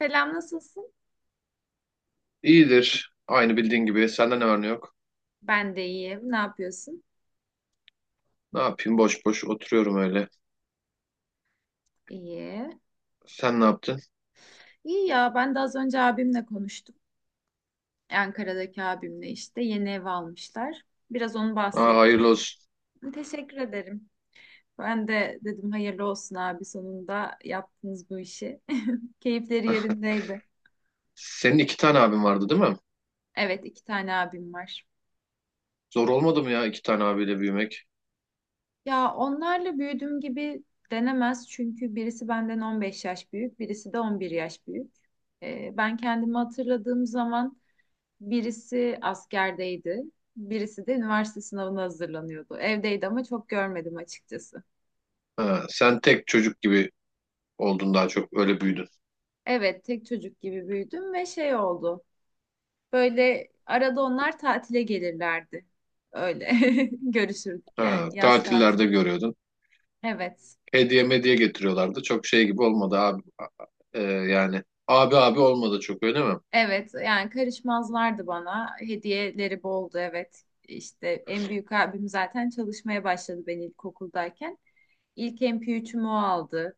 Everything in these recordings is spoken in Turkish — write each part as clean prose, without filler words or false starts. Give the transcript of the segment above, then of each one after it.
Selam nasılsın? İyidir. Aynı bildiğin gibi. Senden ne var ne yok. Ben de iyiyim. Ne yapıyorsun? Ne yapayım? Boş boş oturuyorum öyle. İyi. Sen ne yaptın? İyi ya ben de az önce abimle konuştum. Ankara'daki abimle işte yeni ev almışlar. Biraz onu Aa, bahsetti. hayırlı olsun. Teşekkür ederim. Ben de dedim hayırlı olsun abi sonunda yaptınız bu işi. Keyifleri yerindeydi. Senin iki tane abin vardı değil mi? Evet iki tane abim var. Zor olmadı mı ya iki tane abiyle büyümek? Ya onlarla büyüdüm gibi denemez çünkü birisi benden 15 yaş büyük, birisi de 11 yaş büyük. Ben kendimi hatırladığım zaman birisi askerdeydi. Birisi de üniversite sınavına hazırlanıyordu. Evdeydi ama çok görmedim açıkçası. Ha, sen tek çocuk gibi oldun daha çok. Öyle büyüdün. Evet, tek çocuk gibi büyüdüm ve şey oldu. Böyle arada onlar tatile gelirlerdi. Öyle görüşürdük yani Ha, yaz tatillerde tatili. görüyordun. Evet. Hediye mediye getiriyorlardı. Çok şey gibi olmadı abi. Yani abi abi olmadı çok öyle mi? Evet yani karışmazlardı bana. Hediyeleri boldu evet. İşte en büyük abim zaten çalışmaya başladı ben ilkokuldayken. İlk MP3'ümü o aldı.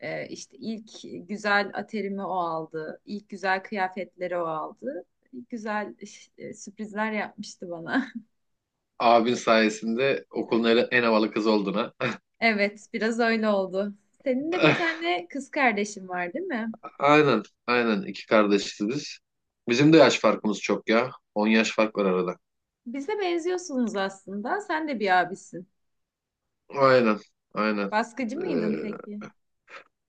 İşte ilk güzel aterimi o aldı. İlk güzel kıyafetleri o aldı. Güzel sürprizler yapmıştı bana. Abin sayesinde okulun en havalı kızı oldun ha. Evet, biraz öyle oldu. Senin de bir tane kız kardeşin var, değil mi? Aynen, aynen. iki kardeşiz biz. Bizim de yaş farkımız çok ya. 10 yaş fark var arada. Bize benziyorsunuz aslında. Sen de bir abisin. Aynen, aynen. Baskıcı mıydın Ee, peki?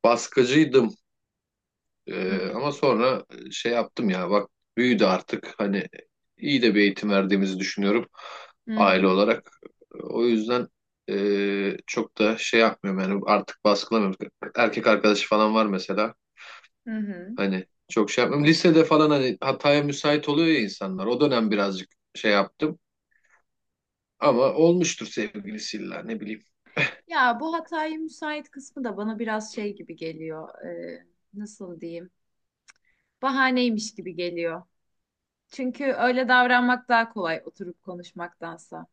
baskıcıydım. Hmm. Ama sonra şey yaptım ya. Bak büyüdü artık. Hani iyi de bir eğitim verdiğimizi düşünüyorum Hı aile hı. olarak. O yüzden çok da şey yapmıyorum yani artık baskılamıyorum. Erkek arkadaşı falan var mesela. Hı hı. Hani çok şey yapmıyorum. Lisede falan hani hataya müsait oluyor ya insanlar. O dönem birazcık şey yaptım. Ama olmuştur sevgilisiyle ne bileyim. Ya bu hataya müsait kısmı da bana biraz şey gibi geliyor. Nasıl diyeyim? Bahaneymiş gibi geliyor. Çünkü öyle davranmak daha kolay oturup konuşmaktansa.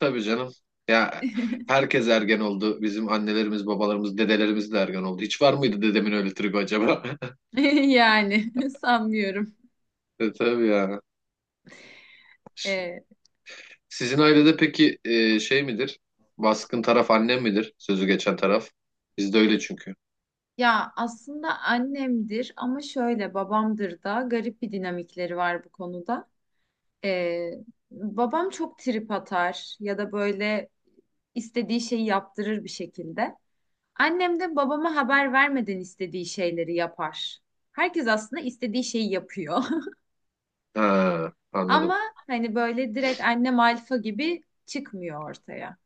Tabii canım. Ya herkes ergen oldu. Bizim annelerimiz, babalarımız, dedelerimiz de ergen oldu. Hiç var mıydı dedemin öyle tribi acaba? Yani sanmıyorum. E, tabii ya. Ee, Sizin ailede peki şey midir? Baskın taraf annem midir? Sözü geçen taraf. Bizde öyle çünkü. ya aslında annemdir ama şöyle babamdır da garip bir dinamikleri var bu konuda. Ee, babam çok trip atar ya da böyle istediği şeyi yaptırır bir şekilde. Annem de babama haber vermeden istediği şeyleri yapar. Herkes aslında istediği şeyi yapıyor. Ha, anladım. Ama hani böyle direkt annem alfa gibi çıkmıyor ortaya.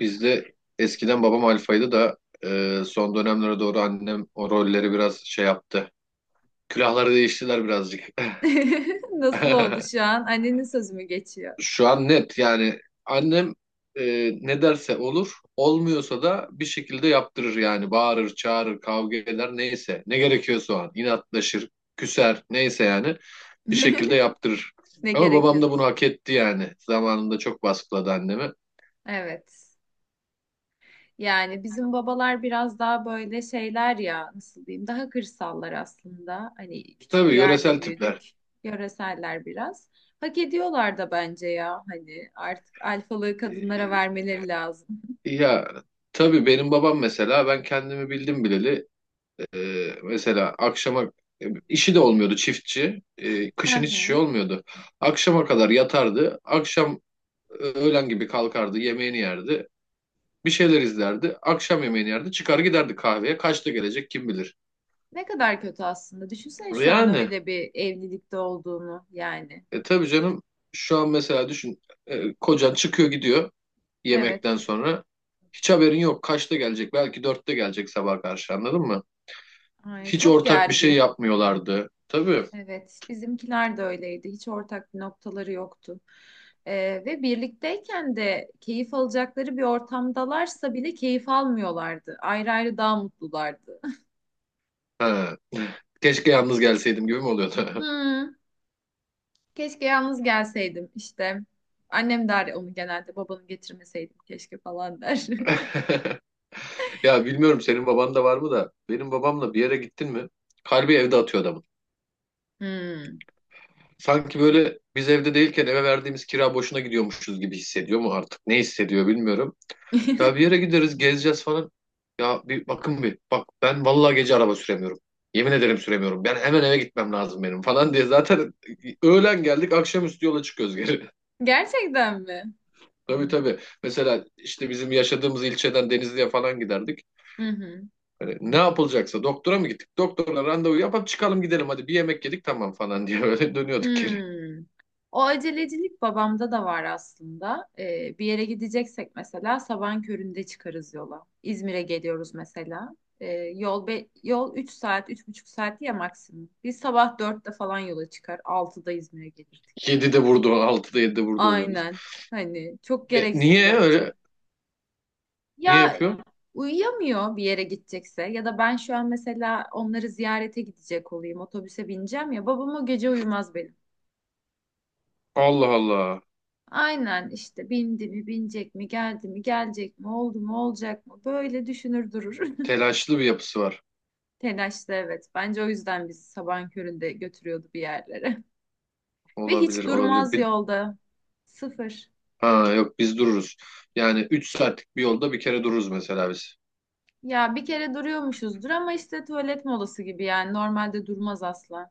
Bizde eskiden babam alfaydı da son dönemlere doğru annem o rolleri biraz şey yaptı. Külahları değiştiler birazcık. Nasıl oldu şu an? Annenin sözü mü geçiyor? Şu an net yani annem ne derse olur, olmuyorsa da bir şekilde yaptırır yani bağırır, çağırır, kavga eder neyse ne gerekiyorsa o an inatlaşır, küser neyse yani bir şekilde yaptırır. Ne Ama babam da gerekiyorsa. bunu hak etti yani zamanında çok baskıladı annemi. Evet. Yani bizim babalar biraz daha böyle şeyler ya nasıl diyeyim daha kırsallar aslında. Hani küçük Tabii bir yerde yöresel tipler. büyüdük. Yöreseller biraz. Hak ediyorlar da bence ya hani artık alfalığı kadınlara E, vermeleri lazım. ya tabii benim babam mesela ben kendimi bildim bileli. Mesela akşama işi de olmuyordu çiftçi. Hı Kışın hiç hı. şey olmuyordu. Akşama kadar yatardı. Akşam öğlen gibi kalkardı, yemeğini yerdi. Bir şeyler izlerdi. Akşam yemeğini yerdi. Çıkar giderdi kahveye. Kaçta gelecek kim bilir. Ne kadar kötü aslında. Düşünsene şu an Yani öyle bir evlilikte olduğunu yani. Tabii canım şu an mesela düşün, kocan çıkıyor gidiyor Evet. yemekten sonra. Hiç haberin yok. Kaçta gelecek? Belki dörtte gelecek sabah karşı, anladın mı? Ay, Hiç çok ortak bir şey gergin. yapmıyorlardı. Tabii. Evet, bizimkiler de öyleydi. Hiç ortak bir noktaları yoktu. Ve birlikteyken de keyif alacakları bir ortamdalarsa bile keyif almıyorlardı. Ayrı ayrı daha mutlulardı. Ha. Keşke yalnız gelseydim gibi mi oluyordu? Hmm, keşke yalnız gelseydim işte. Annem der onu genelde babanı getirmeseydim keşke falan der. Ya bilmiyorum senin baban da var mı da benim babamla bir yere gittin mi? Kalbi evde atıyor adamın. Hmm. Sanki böyle biz evde değilken eve verdiğimiz kira boşuna gidiyormuşuz gibi hissediyor mu artık? Ne hissediyor bilmiyorum. Ya bir yere gideriz gezeceğiz falan. Ya bir bak, ben vallahi gece araba süremiyorum. Yemin ederim süremiyorum. Ben hemen eve gitmem lazım benim falan diye zaten öğlen geldik akşamüstü yola çıkıyoruz geri. Gerçekten mi? Tabii tabii. Mesela işte bizim yaşadığımız ilçeden Denizli'ye falan giderdik. Hı hı. Hani ne yapılacaksa doktora mı gittik? Doktorla randevu yapıp çıkalım gidelim hadi bir yemek yedik tamam falan diye öyle dönüyorduk geri. Hmm. O acelecilik babamda da var aslında. Bir yere gideceksek mesela sabahın köründe çıkarız yola. İzmir'e geliyoruz mesela. Yol yol 3 saat, üç buçuk saat ya maksimum. Biz sabah dörtte falan yola çıkar, altıda İzmir'e gelirdik. 7'de vurdu, 6'da 7'de vurdu oluyoruz. Aynen. Hani çok E, gereksiz niye öyle? bence. Niye Ya yapıyor? uyuyamıyor bir yere gidecekse ya da ben şu an mesela onları ziyarete gidecek olayım, otobüse bineceğim ya babam o gece uyumaz benim. Allah Allah. Aynen işte bindi mi binecek mi geldi mi gelecek mi oldu mu olacak mı böyle düşünür durur. Telaşlı bir yapısı var. Telaşlı evet. Bence o yüzden bizi sabahın köründe götürüyordu bir yerlere. Ve Olabilir, hiç olabilir. durmaz yolda. Sıfır. Ha yok biz dururuz. Yani 3 saatlik bir yolda bir kere dururuz mesela biz. Ya bir kere duruyormuşuzdur ama işte tuvalet molası gibi yani normalde durmaz asla.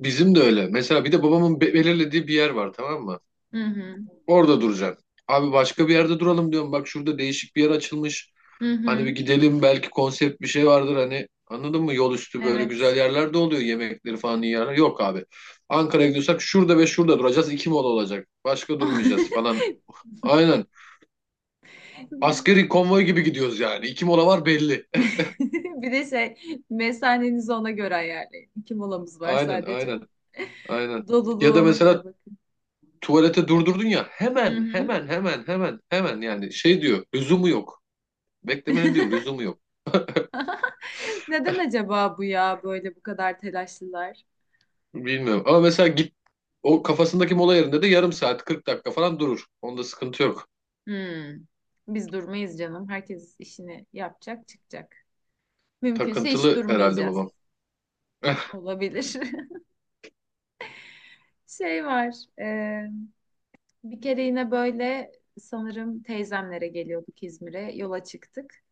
Bizim de öyle. Mesela bir de babamın belirlediği bir yer var, tamam mı? Hı hı. Orada duracaksın. Abi başka bir yerde duralım diyorum. Bak şurada değişik bir yer açılmış. Hı Hani bir hı. gidelim belki konsept bir şey vardır hani, anladın mı? Yol üstü böyle güzel Evet. yerler de oluyor, yemekleri falan iyi yerler. Yok abi. Ankara'ya gidiyorsak şurada ve şurada duracağız. İki mola olacak. Başka durmayacağız falan. Aynen. Askeri konvoy gibi gidiyoruz yani. İki mola var belli. Bir de şey mesanenizi ona göre ayarlayın. İki molamız var Aynen sadece. aynen aynen. Doluluğu Ya da ona mesela göre bakın. tuvalete durdurdun ya Hı hemen hı. hemen hemen hemen hemen yani şey diyor, lüzumu yok. Beklemenin diyor lüzumu yok. Neden acaba bu ya böyle bu kadar telaşlılar? Bilmiyorum ama mesela git, o kafasındaki mola yerinde de yarım saat 40 dakika falan durur. Onda sıkıntı yok. Hmm. Biz durmayız canım. Herkes işini yapacak, çıkacak. Mümkünse hiç Takıntılı herhalde durmayacağız. babam. Eh, Olabilir. Şey var. e, Bir kere yine böyle sanırım teyzemlere geliyorduk İzmir'e. Yola çıktık.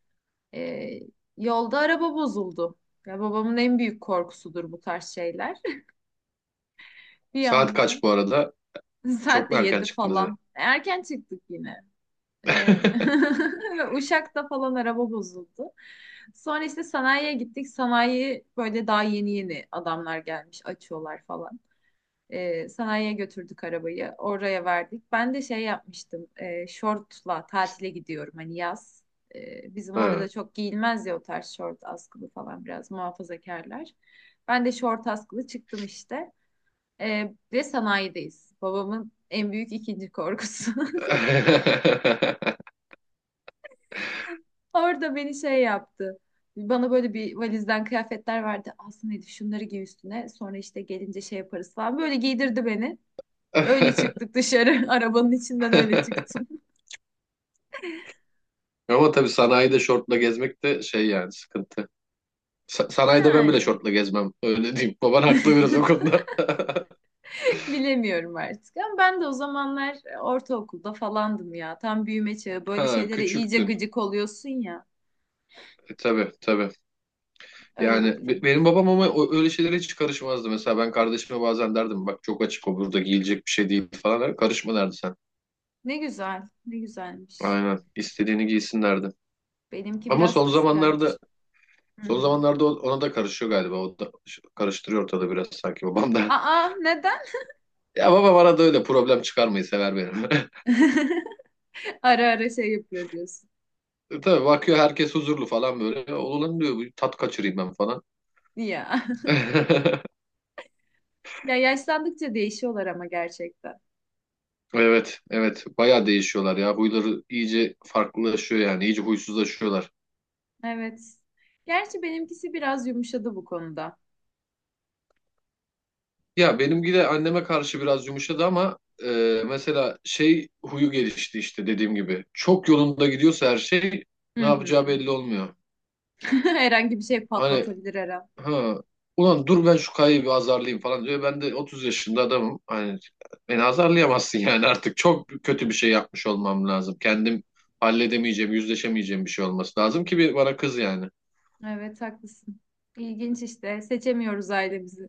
E, yolda araba bozuldu. Ya babamın en büyük korkusudur bu tarz şeyler. Bir saat anda. kaç bu arada? Saat Çok de mu erken yedi çıktınız yine? falan. Erken çıktık yine. Ee, ve Uşak'ta falan araba bozuldu. Sonra işte sanayiye gittik. Sanayi böyle daha yeni yeni adamlar gelmiş açıyorlar falan. Sanayiye götürdük arabayı. Oraya verdik. Ben de şey yapmıştım. Şortla tatile gidiyorum hani yaz. Bizim orada da Ha. çok giyilmez ya o tarz şort askılı falan biraz muhafazakarlar. Ben de şort askılı çıktım işte. Ve sanayideyiz. Babamın en büyük ikinci korkusu. Orada beni şey yaptı. Bana böyle bir valizden kıyafetler verdi. Aslında dedi şunları giy üstüne. Sonra işte gelince şey yaparız falan. Böyle giydirdi beni. Öyle çıktık dışarı. Arabanın içinden öyle çıktım. Ama tabii sanayide şortla gezmek de şey yani, sıkıntı. Sanayide ben bile Yani şortla gezmem. Öyle diyeyim. Baban haklı biraz o konuda. bilemiyorum artık. Ama ben de o zamanlar ortaokulda falandım ya. Tam büyüme çağı. Böyle Ha, şeylere iyice küçüktün. gıcık oluyorsun ya. E, tabii tabii. Öyle bir Yani durum. benim babam ama öyle şeylere hiç karışmazdı. Mesela ben kardeşime bazen derdim bak çok açık o, burada giyilecek bir şey değil falan. Karışma derdi sen. Ne güzel. Ne güzelmiş. Aynen. İstediğini giysin derdi. Benimki Ama biraz son zamanlarda, kıskanç. Hı son hı. zamanlarda ona da karışıyor galiba. O da karıştırıyor ortada biraz sanki babam da. Aa neden? Ya babam arada öyle problem çıkarmayı sever benim. Ara ara şey yapıyor diyorsun. E tabii, bakıyor herkes huzurlu falan böyle. Oğlum diyor bir tat kaçırayım ben falan. Ya. Ya yaşlandıkça değişiyorlar ama gerçekten. Evet, evet. Bayağı değişiyorlar ya. Huyları iyice farklılaşıyor yani. İyice huysuzlaşıyorlar. Evet. Gerçi benimkisi biraz yumuşadı bu konuda. Ya benimki de anneme karşı biraz yumuşadı ama mesela şey huyu gelişti işte dediğim gibi. Çok yolunda gidiyorsa her şey, Hı ne hı. yapacağı belli olmuyor. Herhangi bir şey Hani, patlatabilir her an. ha, ulan dur ben şu kayayı bir azarlayayım falan diyor. Ben de 30 yaşında adamım. Hani beni azarlayamazsın yani, artık çok kötü bir şey yapmış olmam lazım. Kendim halledemeyeceğim, yüzleşemeyeceğim bir şey olması lazım ki bir bana kız yani. Evet haklısın. İlginç işte. Seçemiyoruz ailemizi.